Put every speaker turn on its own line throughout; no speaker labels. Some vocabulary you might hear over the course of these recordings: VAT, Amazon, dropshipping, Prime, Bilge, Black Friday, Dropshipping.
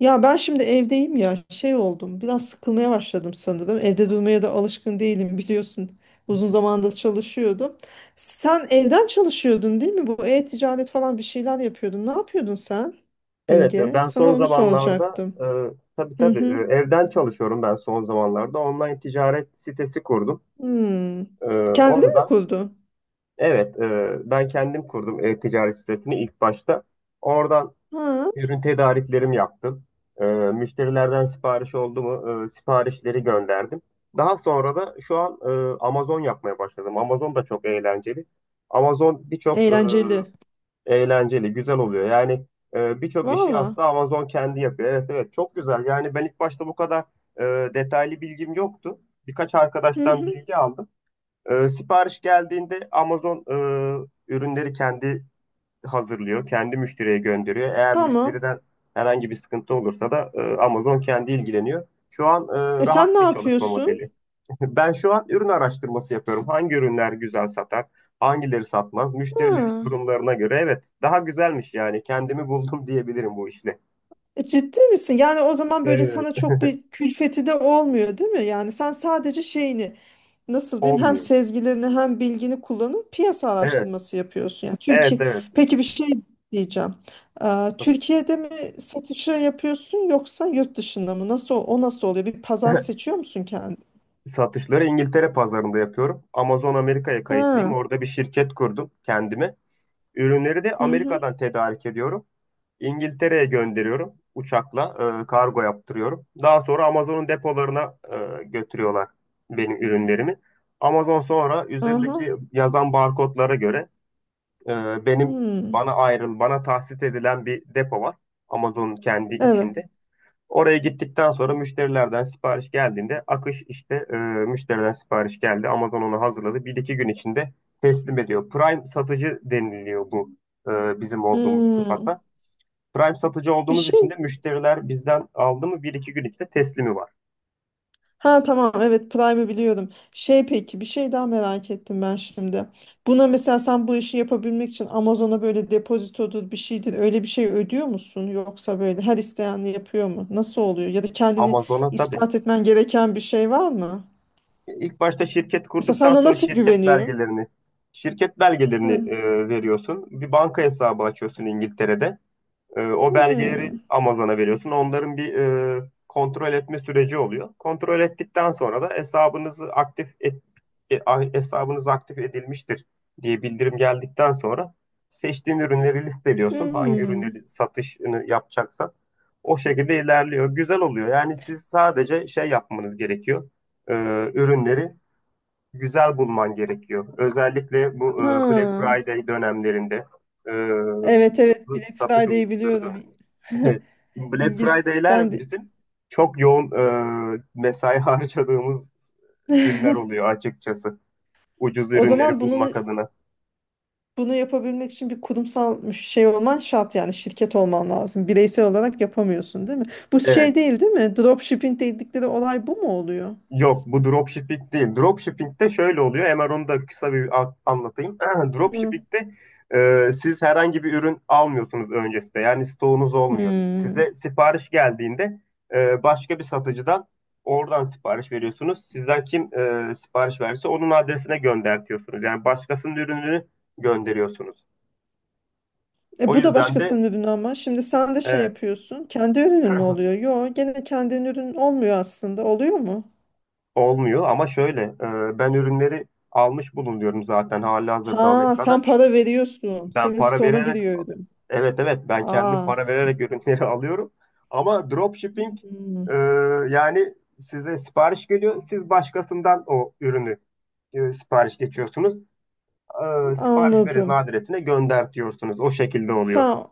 Ya ben şimdi evdeyim ya şey oldum biraz sıkılmaya başladım sanırım. Evde durmaya da alışkın değilim biliyorsun. Uzun zamandır çalışıyordum. Sen evden çalışıyordun değil mi? Bu e-ticaret falan bir şeyler yapıyordun. Ne yapıyordun sen
Evet,
Bilge?
ben
Sana
son
onu
zamanlarda
soracaktım.
tabii
Hı
tabii
hı.
evden çalışıyorum ben son zamanlarda. Online ticaret sitesi kurdum.
Hmm.
E,
Kendin mi
Oradan.
kurdun?
Evet, ben kendim kurdum e-ticaret sitesini ilk başta. Oradan
Ha,
ürün tedariklerimi yaptım. Müşterilerden sipariş oldu mu, siparişleri gönderdim. Daha sonra da şu an Amazon yapmaya başladım. Amazon da çok eğlenceli. Amazon birçok e,
eğlenceli.
Eğlenceli, güzel oluyor. Yani birçok işi
Valla.
aslında Amazon kendi yapıyor. Evet evet, çok güzel. Yani ben ilk başta bu kadar e, detaylı bilgim yoktu. Birkaç
Hı
arkadaştan
hı.
bilgi aldım. Sipariş geldiğinde Amazon ürünleri kendi hazırlıyor, kendi müşteriye gönderiyor. Eğer
Tamam.
müşteriden herhangi bir sıkıntı olursa da Amazon kendi ilgileniyor. Şu an
E sen
rahat
ne
bir çalışma
yapıyorsun?
modeli. Ben şu an ürün araştırması yapıyorum. Hangi ürünler güzel satar, hangileri satmaz, müşterilerin
Ha.
yorumlarına göre. Evet, daha güzelmiş yani. Kendimi buldum diyebilirim bu işle.
E, ciddi misin? Yani o zaman böyle
Evet,
sana çok bir külfeti de olmuyor, değil mi? Yani sen sadece şeyini nasıl diyeyim, hem
olmuyor.
sezgilerini hem bilgini kullanıp piyasa
Evet,
araştırması yapıyorsun. Yani Türkiye
evet, evet.
peki bir şey diyeceğim.
Tabii.
Türkiye'de mi satışı yapıyorsun yoksa yurt dışında mı? Nasıl o nasıl oluyor? Bir pazar seçiyor musun kendi?
Satışları İngiltere pazarında yapıyorum. Amazon Amerika'ya kayıtlıyım.
Ha.
Orada bir şirket kurdum kendime. Ürünleri de
Hı hı.
Amerika'dan tedarik ediyorum. İngiltere'ye gönderiyorum uçakla, kargo yaptırıyorum. Daha sonra Amazon'un depolarına götürüyorlar benim ürünlerimi. Amazon sonra
Aha.
üzerindeki yazan barkodlara göre e, benim
Hmm.
bana tahsis edilen bir depo var. Amazon'un kendi
Evet.
içinde. Oraya gittikten sonra müşterilerden sipariş geldiğinde akış işte müşteriden sipariş geldi, Amazon onu hazırladı, bir iki gün içinde teslim ediyor. Prime satıcı deniliyor bu, bizim olduğumuz
Hmm.
sıfata. Prime satıcı
Bir
olduğumuz için
şey.
de müşteriler bizden aldı mı bir iki gün içinde teslimi var.
Ha, tamam, evet, Prime'ı biliyorum. Şey peki bir şey daha merak ettim ben şimdi. Buna mesela sen bu işi yapabilmek için Amazon'a böyle depozitodur bir şeydir öyle bir şey ödüyor musun? Yoksa böyle her isteyen yapıyor mu? Nasıl oluyor? Ya da kendini
Amazon'a tabii.
ispat etmen gereken bir şey var mı?
İlk başta şirket
Mesela
kurduktan
sana
sonra
nasıl
şirket
güveniyor?
belgelerini,
Ha.
veriyorsun. Bir banka hesabı açıyorsun İngiltere'de. O belgeleri
Hmm.
Amazon'a veriyorsun. Onların bir kontrol etme süreci oluyor. Kontrol ettikten sonra da e, hesabınız aktif edilmiştir diye bildirim geldikten sonra seçtiğin ürünleri listeliyorsun. Hangi
Hmm.
ürünleri satışını yapacaksan o şekilde ilerliyor. Güzel oluyor. Yani siz sadece şey yapmanız gerekiyor. E, Ürünleri güzel bulman gerekiyor. Özellikle bu Black
Ha.
Friday dönemlerinde, e,
Evet, evet, Black
satış
Friday'i
oldukları
biliyorum.
dönemlerinde. Evet. Black
İngiliz ben
Friday'ler
de.
bizim çok yoğun mesai harcadığımız günler oluyor açıkçası. Ucuz
O
ürünleri
zaman
bulmak adına.
Bunu yapabilmek için bir kurumsal şey olman şart, yani şirket olman lazım. Bireysel olarak yapamıyorsun değil mi? Bu şey
Evet.
değil değil mi? Dropshipping dedikleri olay bu mu oluyor?
Yok, bu dropshipping değil. Dropshipping'de şöyle oluyor. Hemen onu da kısa anlatayım.
Hı.
Dropshipping'de siz herhangi bir ürün almıyorsunuz öncesinde. Yani stoğunuz olmuyor.
Hmm.
Size sipariş geldiğinde başka bir satıcıdan oradan sipariş veriyorsunuz. Sizden kim sipariş verirse onun adresine göndertiyorsunuz. Yani başkasının ürününü gönderiyorsunuz.
E
O
bu da
yüzden de
başkasının ürünü ama. Şimdi sen de şey
evet,
yapıyorsun. Kendi ürünün mü oluyor? Yok, gene kendinin ürün olmuyor aslında. Oluyor mu?
olmuyor, ama şöyle, ben ürünleri almış bulunuyorum zaten halihazırda
Ha, sen
Amerika'da.
para veriyorsun.
Ben
Senin
para
stoğuna
vererek
giriyor ürün.
Evet evet, ben kendim
Aa,
para vererek ürünleri alıyorum. Ama dropshipping,
hmm,
e, yani size sipariş geliyor, siz başkasından o ürünü sipariş geçiyorsunuz. Sipariş verenin
anladım.
adresine gönder diyorsunuz. O şekilde oluyor.
Sen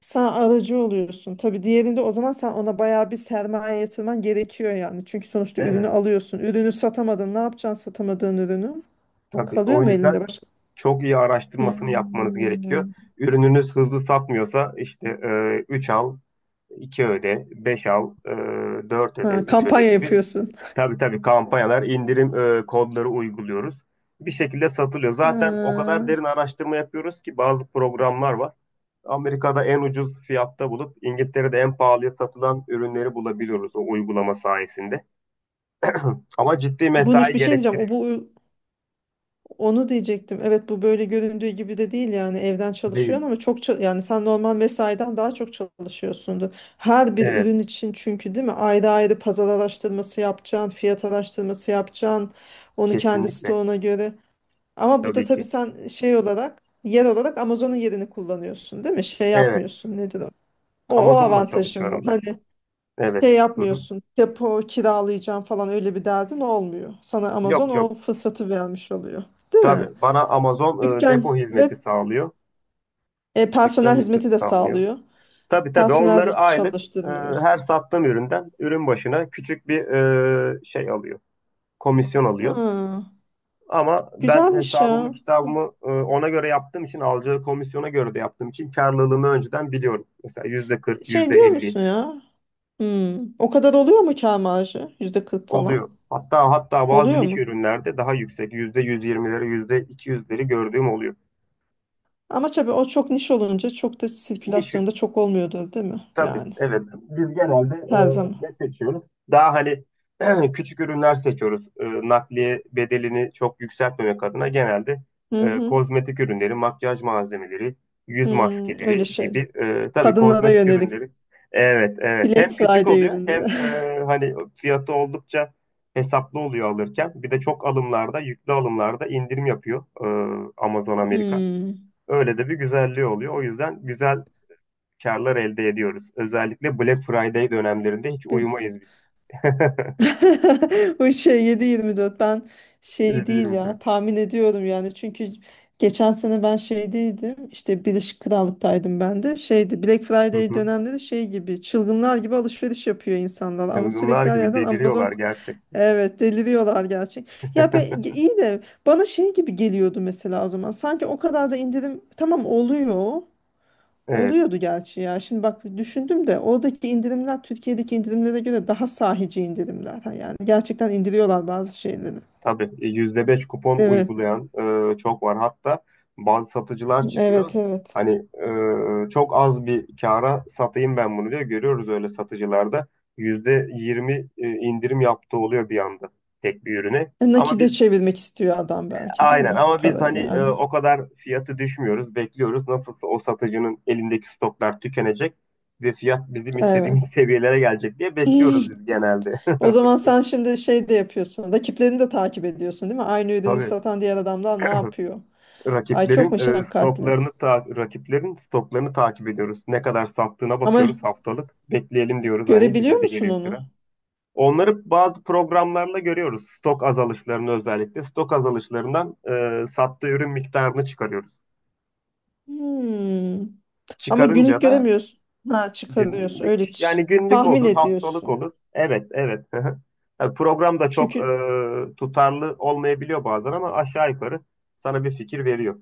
Sen aracı oluyorsun. Tabii diğerinde o zaman sen ona bayağı bir sermaye yatırman gerekiyor yani. Çünkü sonuçta ürünü
Evet,
alıyorsun. Ürünü satamadın. Ne yapacaksın satamadığın ürünü?
tabii
Kalıyor
o
mu
yüzden
elinde başka?
çok iyi araştırmasını yapmanız
Hmm.
gerekiyor. Ürününüz hızlı satmıyorsa işte 3 al 2 öde, 5 al, 4 öde,
Ha,
3 öde
kampanya
gibi.
yapıyorsun.
Tabii tabii, kampanyalar, indirim kodları uyguluyoruz. Bir şekilde satılıyor. Zaten o
Ee,
kadar derin araştırma yapıyoruz ki, bazı programlar var. Amerika'da en ucuz fiyatta bulup İngiltere'de en pahalıya satılan ürünleri bulabiliyoruz o uygulama sayesinde. Ama ciddi
Bunu
mesai
bir şey diyeceğim. O
gerektiriyor.
bu Onu diyecektim. Evet, bu böyle göründüğü gibi de değil, yani evden
Değil.
çalışıyorsun ama yani sen normal mesaiden daha çok çalışıyorsundur. Her bir
Evet,
ürün için çünkü değil mi? Ayrı ayrı pazar araştırması yapacaksın, fiyat araştırması yapacaksın. Onu kendi
kesinlikle.
stoğuna göre. Ama bu da
Tabii
tabii
ki.
sen şey olarak yer olarak Amazon'un yerini kullanıyorsun değil mi? Şey
Evet.
yapmıyorsun, nedir o? O, o
Amazon'la
avantajın var.
çalışıyorum
Hani
ben. Evet.
şey
Hı hı.
yapmıyorsun depo kiralayacağım falan öyle bir derdin olmuyor. Sana Amazon
Yok
o
yok.
fırsatı vermiş oluyor. Değil mi?
Tabii, bana Amazon
Dükkan
depo hizmeti
ve
sağlıyor. Dükkan
personel
hizmeti
hizmeti de
sağlıyor.
sağlıyor.
Tabii tabii,
Personel
onları
de
aylık,
çalıştırmıyoruz.
her sattığım üründen ürün başına küçük bir şey alıyor. Komisyon alıyor.
Ha,
Ama ben
güzelmiş
hesabımı
ya.
kitabımı ona göre yaptığım için, alacağı komisyona göre de yaptığım için, karlılığımı önceden biliyorum. Mesela yüzde 40,
Şey
yüzde
diyor
50
musun ya? Hmm, o kadar oluyor mu kâr marjı? %40
oluyor.
falan.
Hatta hatta, bazı
Oluyor
niş
mu?
ürünlerde daha yüksek, yüzde 120'leri, yüzde 200'leri gördüğüm oluyor.
Ama tabii o çok niş olunca çok da
Niş
sirkülasyonda çok olmuyordur değil mi?
Tabii,
Yani
evet. Biz genelde
her zaman.
ne seçiyoruz? Daha hani, küçük ürünler seçiyoruz. Nakliye bedelini çok yükseltmemek adına, genelde
Hı hı.
kozmetik ürünleri, makyaj malzemeleri, yüz
Hmm, öyle
maskeleri
şey.
gibi. Tabii
Kadınlara
kozmetik
yönelik
ürünleri. Evet, evet.
Black
Hem küçük
Friday
oluyor, hem
ürünleri.
hani fiyatı oldukça hesaplı oluyor alırken. Bir de çok alımlarda, yüklü alımlarda indirim yapıyor Amazon Amerika.
Hmm.
Öyle de bir güzelliği oluyor. O yüzden güzel karlar elde ediyoruz. Özellikle Black Friday dönemlerinde hiç uyumayız biz.
O şey 7-24, ben şey değil
7-24.
ya tahmin ediyorum, yani çünkü geçen sene ben şeydeydim işte, Birleşik Krallık'taydım, ben de şeydi Black
Hı
Friday
hı.
dönemleri, şey gibi çılgınlar gibi alışveriş yapıyor insanlar ama
Çılgınlar
sürekli her
gibi
yerden
deliriyorlar
Amazon.
gerçekten.
Evet, deliriyorlar gerçek. Ya be, iyi de bana şey gibi geliyordu mesela o zaman, sanki o kadar da indirim tamam oluyor.
Evet,
Oluyordu gerçi ya. Şimdi bak düşündüm de oradaki indirimler Türkiye'deki indirimlere göre daha sahici indirimler. Ha, yani gerçekten indiriyorlar bazı şeyleri.
tabii. %5 kupon
Evet,
uygulayan çok var. Hatta bazı satıcılar çıkıyor.
evet, evet.
Hani, çok az bir kâra satayım ben bunu diyor. Görüyoruz öyle satıcılarda. %20 indirim yaptığı oluyor bir anda, tek bir ürüne.
E,
Ama
nakite
biz
çevirmek istiyor adam belki değil
Aynen,
mi?
ama biz
Para
hani
yani.
o kadar fiyatı düşmüyoruz, bekliyoruz. Nasılsa o satıcının elindeki stoklar tükenecek ve fiyat bizim istediğimiz
Evet.
seviyelere gelecek diye bekliyoruz biz genelde.
O zaman sen şimdi şey de yapıyorsun. Rakiplerini de takip ediyorsun değil mi? Aynı ürünü
Tabii,
satan diğer adamlar ne yapıyor? Ay çok meşakkatlis.
rakiplerin stoklarını takip ediyoruz. Ne kadar sattığına
Ama
bakıyoruz haftalık. Bekleyelim diyoruz, hani
görebiliyor
bize de
musun
gelir
onu?
sıra. Onları bazı programlarla görüyoruz. Stok azalışlarını özellikle. Stok azalışlarından sattığı ürün miktarını çıkarıyoruz.
Hmm. Ama günlük
Çıkarınca da
göremiyorsun. Ha, çıkarıyorsun.
Günlük.
Öyle
Yani günlük
tahmin
olur, haftalık
ediyorsun.
olur. Evet, evet. Yani program da çok
Çünkü
tutarlı olmayabiliyor bazen, ama aşağı yukarı sana bir fikir veriyor.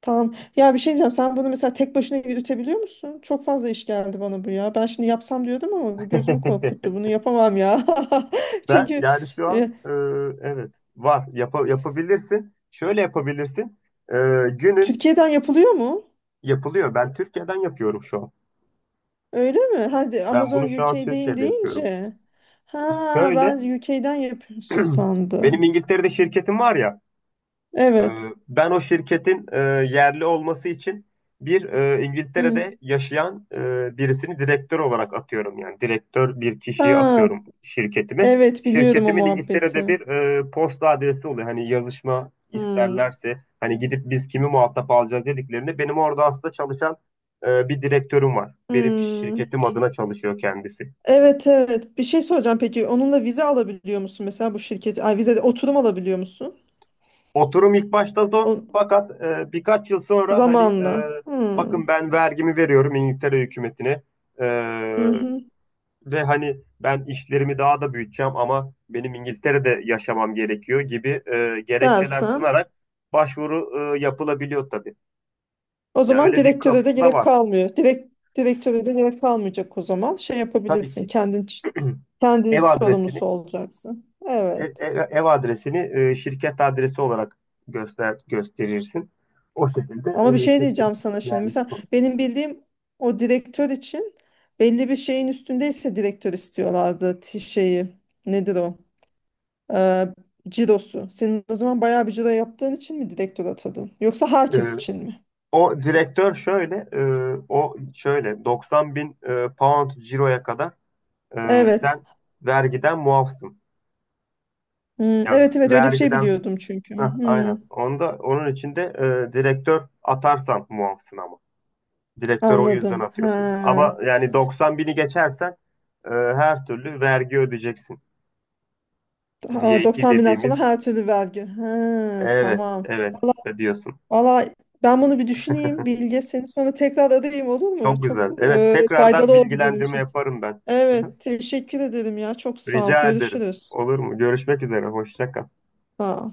tamam. Ya bir şey diyeceğim. Sen bunu mesela tek başına yürütebiliyor musun? Çok fazla iş geldi bana bu ya. Ben şimdi yapsam diyordum ama bu gözümü korkuttu. Bunu yapamam ya.
Ben
Çünkü
yani şu an
e,
e, Evet, var, yapabilirsin. Şöyle yapabilirsin. E, günün
Türkiye'den yapılıyor mu?
Yapılıyor. Ben Türkiye'den yapıyorum şu an.
Öyle mi? Hadi
Ben
Amazon
bunu şu an
UK'deyim
Türkiye'de yapıyorum.
deyince. Ha,
Şöyle,
ben UK'den yapıyorsun
benim
sandım.
İngiltere'de şirketim var ya. Ee,
Evet.
Ben o şirketin yerli olması için bir,
Hı.
İngiltere'de yaşayan birisini direktör olarak atıyorum. Yani direktör bir kişiye
Ha,
atıyorum şirketimi.
evet, biliyorum o
Şirketimin İngiltere'de
muhabbeti.
bir posta adresi oluyor. Hani yazışma
Hı.
isterlerse, hani gidip biz kimi muhatap alacağız dediklerinde, benim orada aslında çalışan bir direktörüm var. Benim
Hmm.
şirketim adına çalışıyor kendisi.
Evet, evet. Bir şey soracağım peki. Onunla vize alabiliyor musun mesela bu şirket? Ay vize de oturum alabiliyor musun?
Oturum ilk başta zor,
O
fakat birkaç yıl sonra hani,
zamanla. Hmm.
bakın ben vergimi veriyorum İngiltere hükümetine E,
Hı hı.
ve hani ben işlerimi daha da büyüteceğim, ama benim İngiltere'de yaşamam gerekiyor gibi gerekçeler
Dersen.
sunarak başvuru yapılabiliyor tabii.
O
Ya
zaman
öyle bir
direktöre de
kapısı da
gerek
var
kalmıyor. Direktöre de gerek kalmayacak o zaman. Şey
tabii
yapabilirsin.
ki.
Kendin kendin
Ev
sorumlusu
adresini
olacaksın.
e-
Evet.
e- ev, adresini, şirket adresi olarak gösterirsin. O şekilde
Ama bir şey
şirket
diyeceğim sana şimdi.
yerleşik
Mesela
olur.
benim bildiğim o direktör için belli bir şeyin üstündeyse direktör istiyorlardı şeyi. Nedir o? e, Cirosu. Senin o zaman bayağı bir ciro yaptığın için mi direktör atadın? Yoksa herkes için mi?
O direktör şöyle, e, O şöyle, 90 bin pound ciroya kadar
Evet.
sen vergiden muafsın.
Hmm,
Ya
evet, evet, öyle bir şey
vergiden,
biliyordum çünkü.
heh,
Hmm,
aynen. Onun içinde direktör atarsan muafsın ama. Direktör o yüzden
anladım.
atıyorsun.
Ha.
Ama yani 90 bini geçersen her türlü vergi ödeyeceksin.
Ha,
VAT
90 binden sonra
dediğimiz,
her türlü vergi. Ha,
evet,
tamam.
evet
Valla
ödüyorsun.
valla ben bunu bir düşüneyim Bilge. Seni sonra tekrar arayayım olur mu?
Çok güzel.
Çok
Evet, tekrardan
faydalı oldu benim
bilgilendirme
için.
yaparım ben.
Evet, teşekkür ederim ya. Çok sağ ol.
Rica ederim.
Görüşürüz.
Olur mu? Görüşmek üzere. Hoşça kal.
Sağ ol.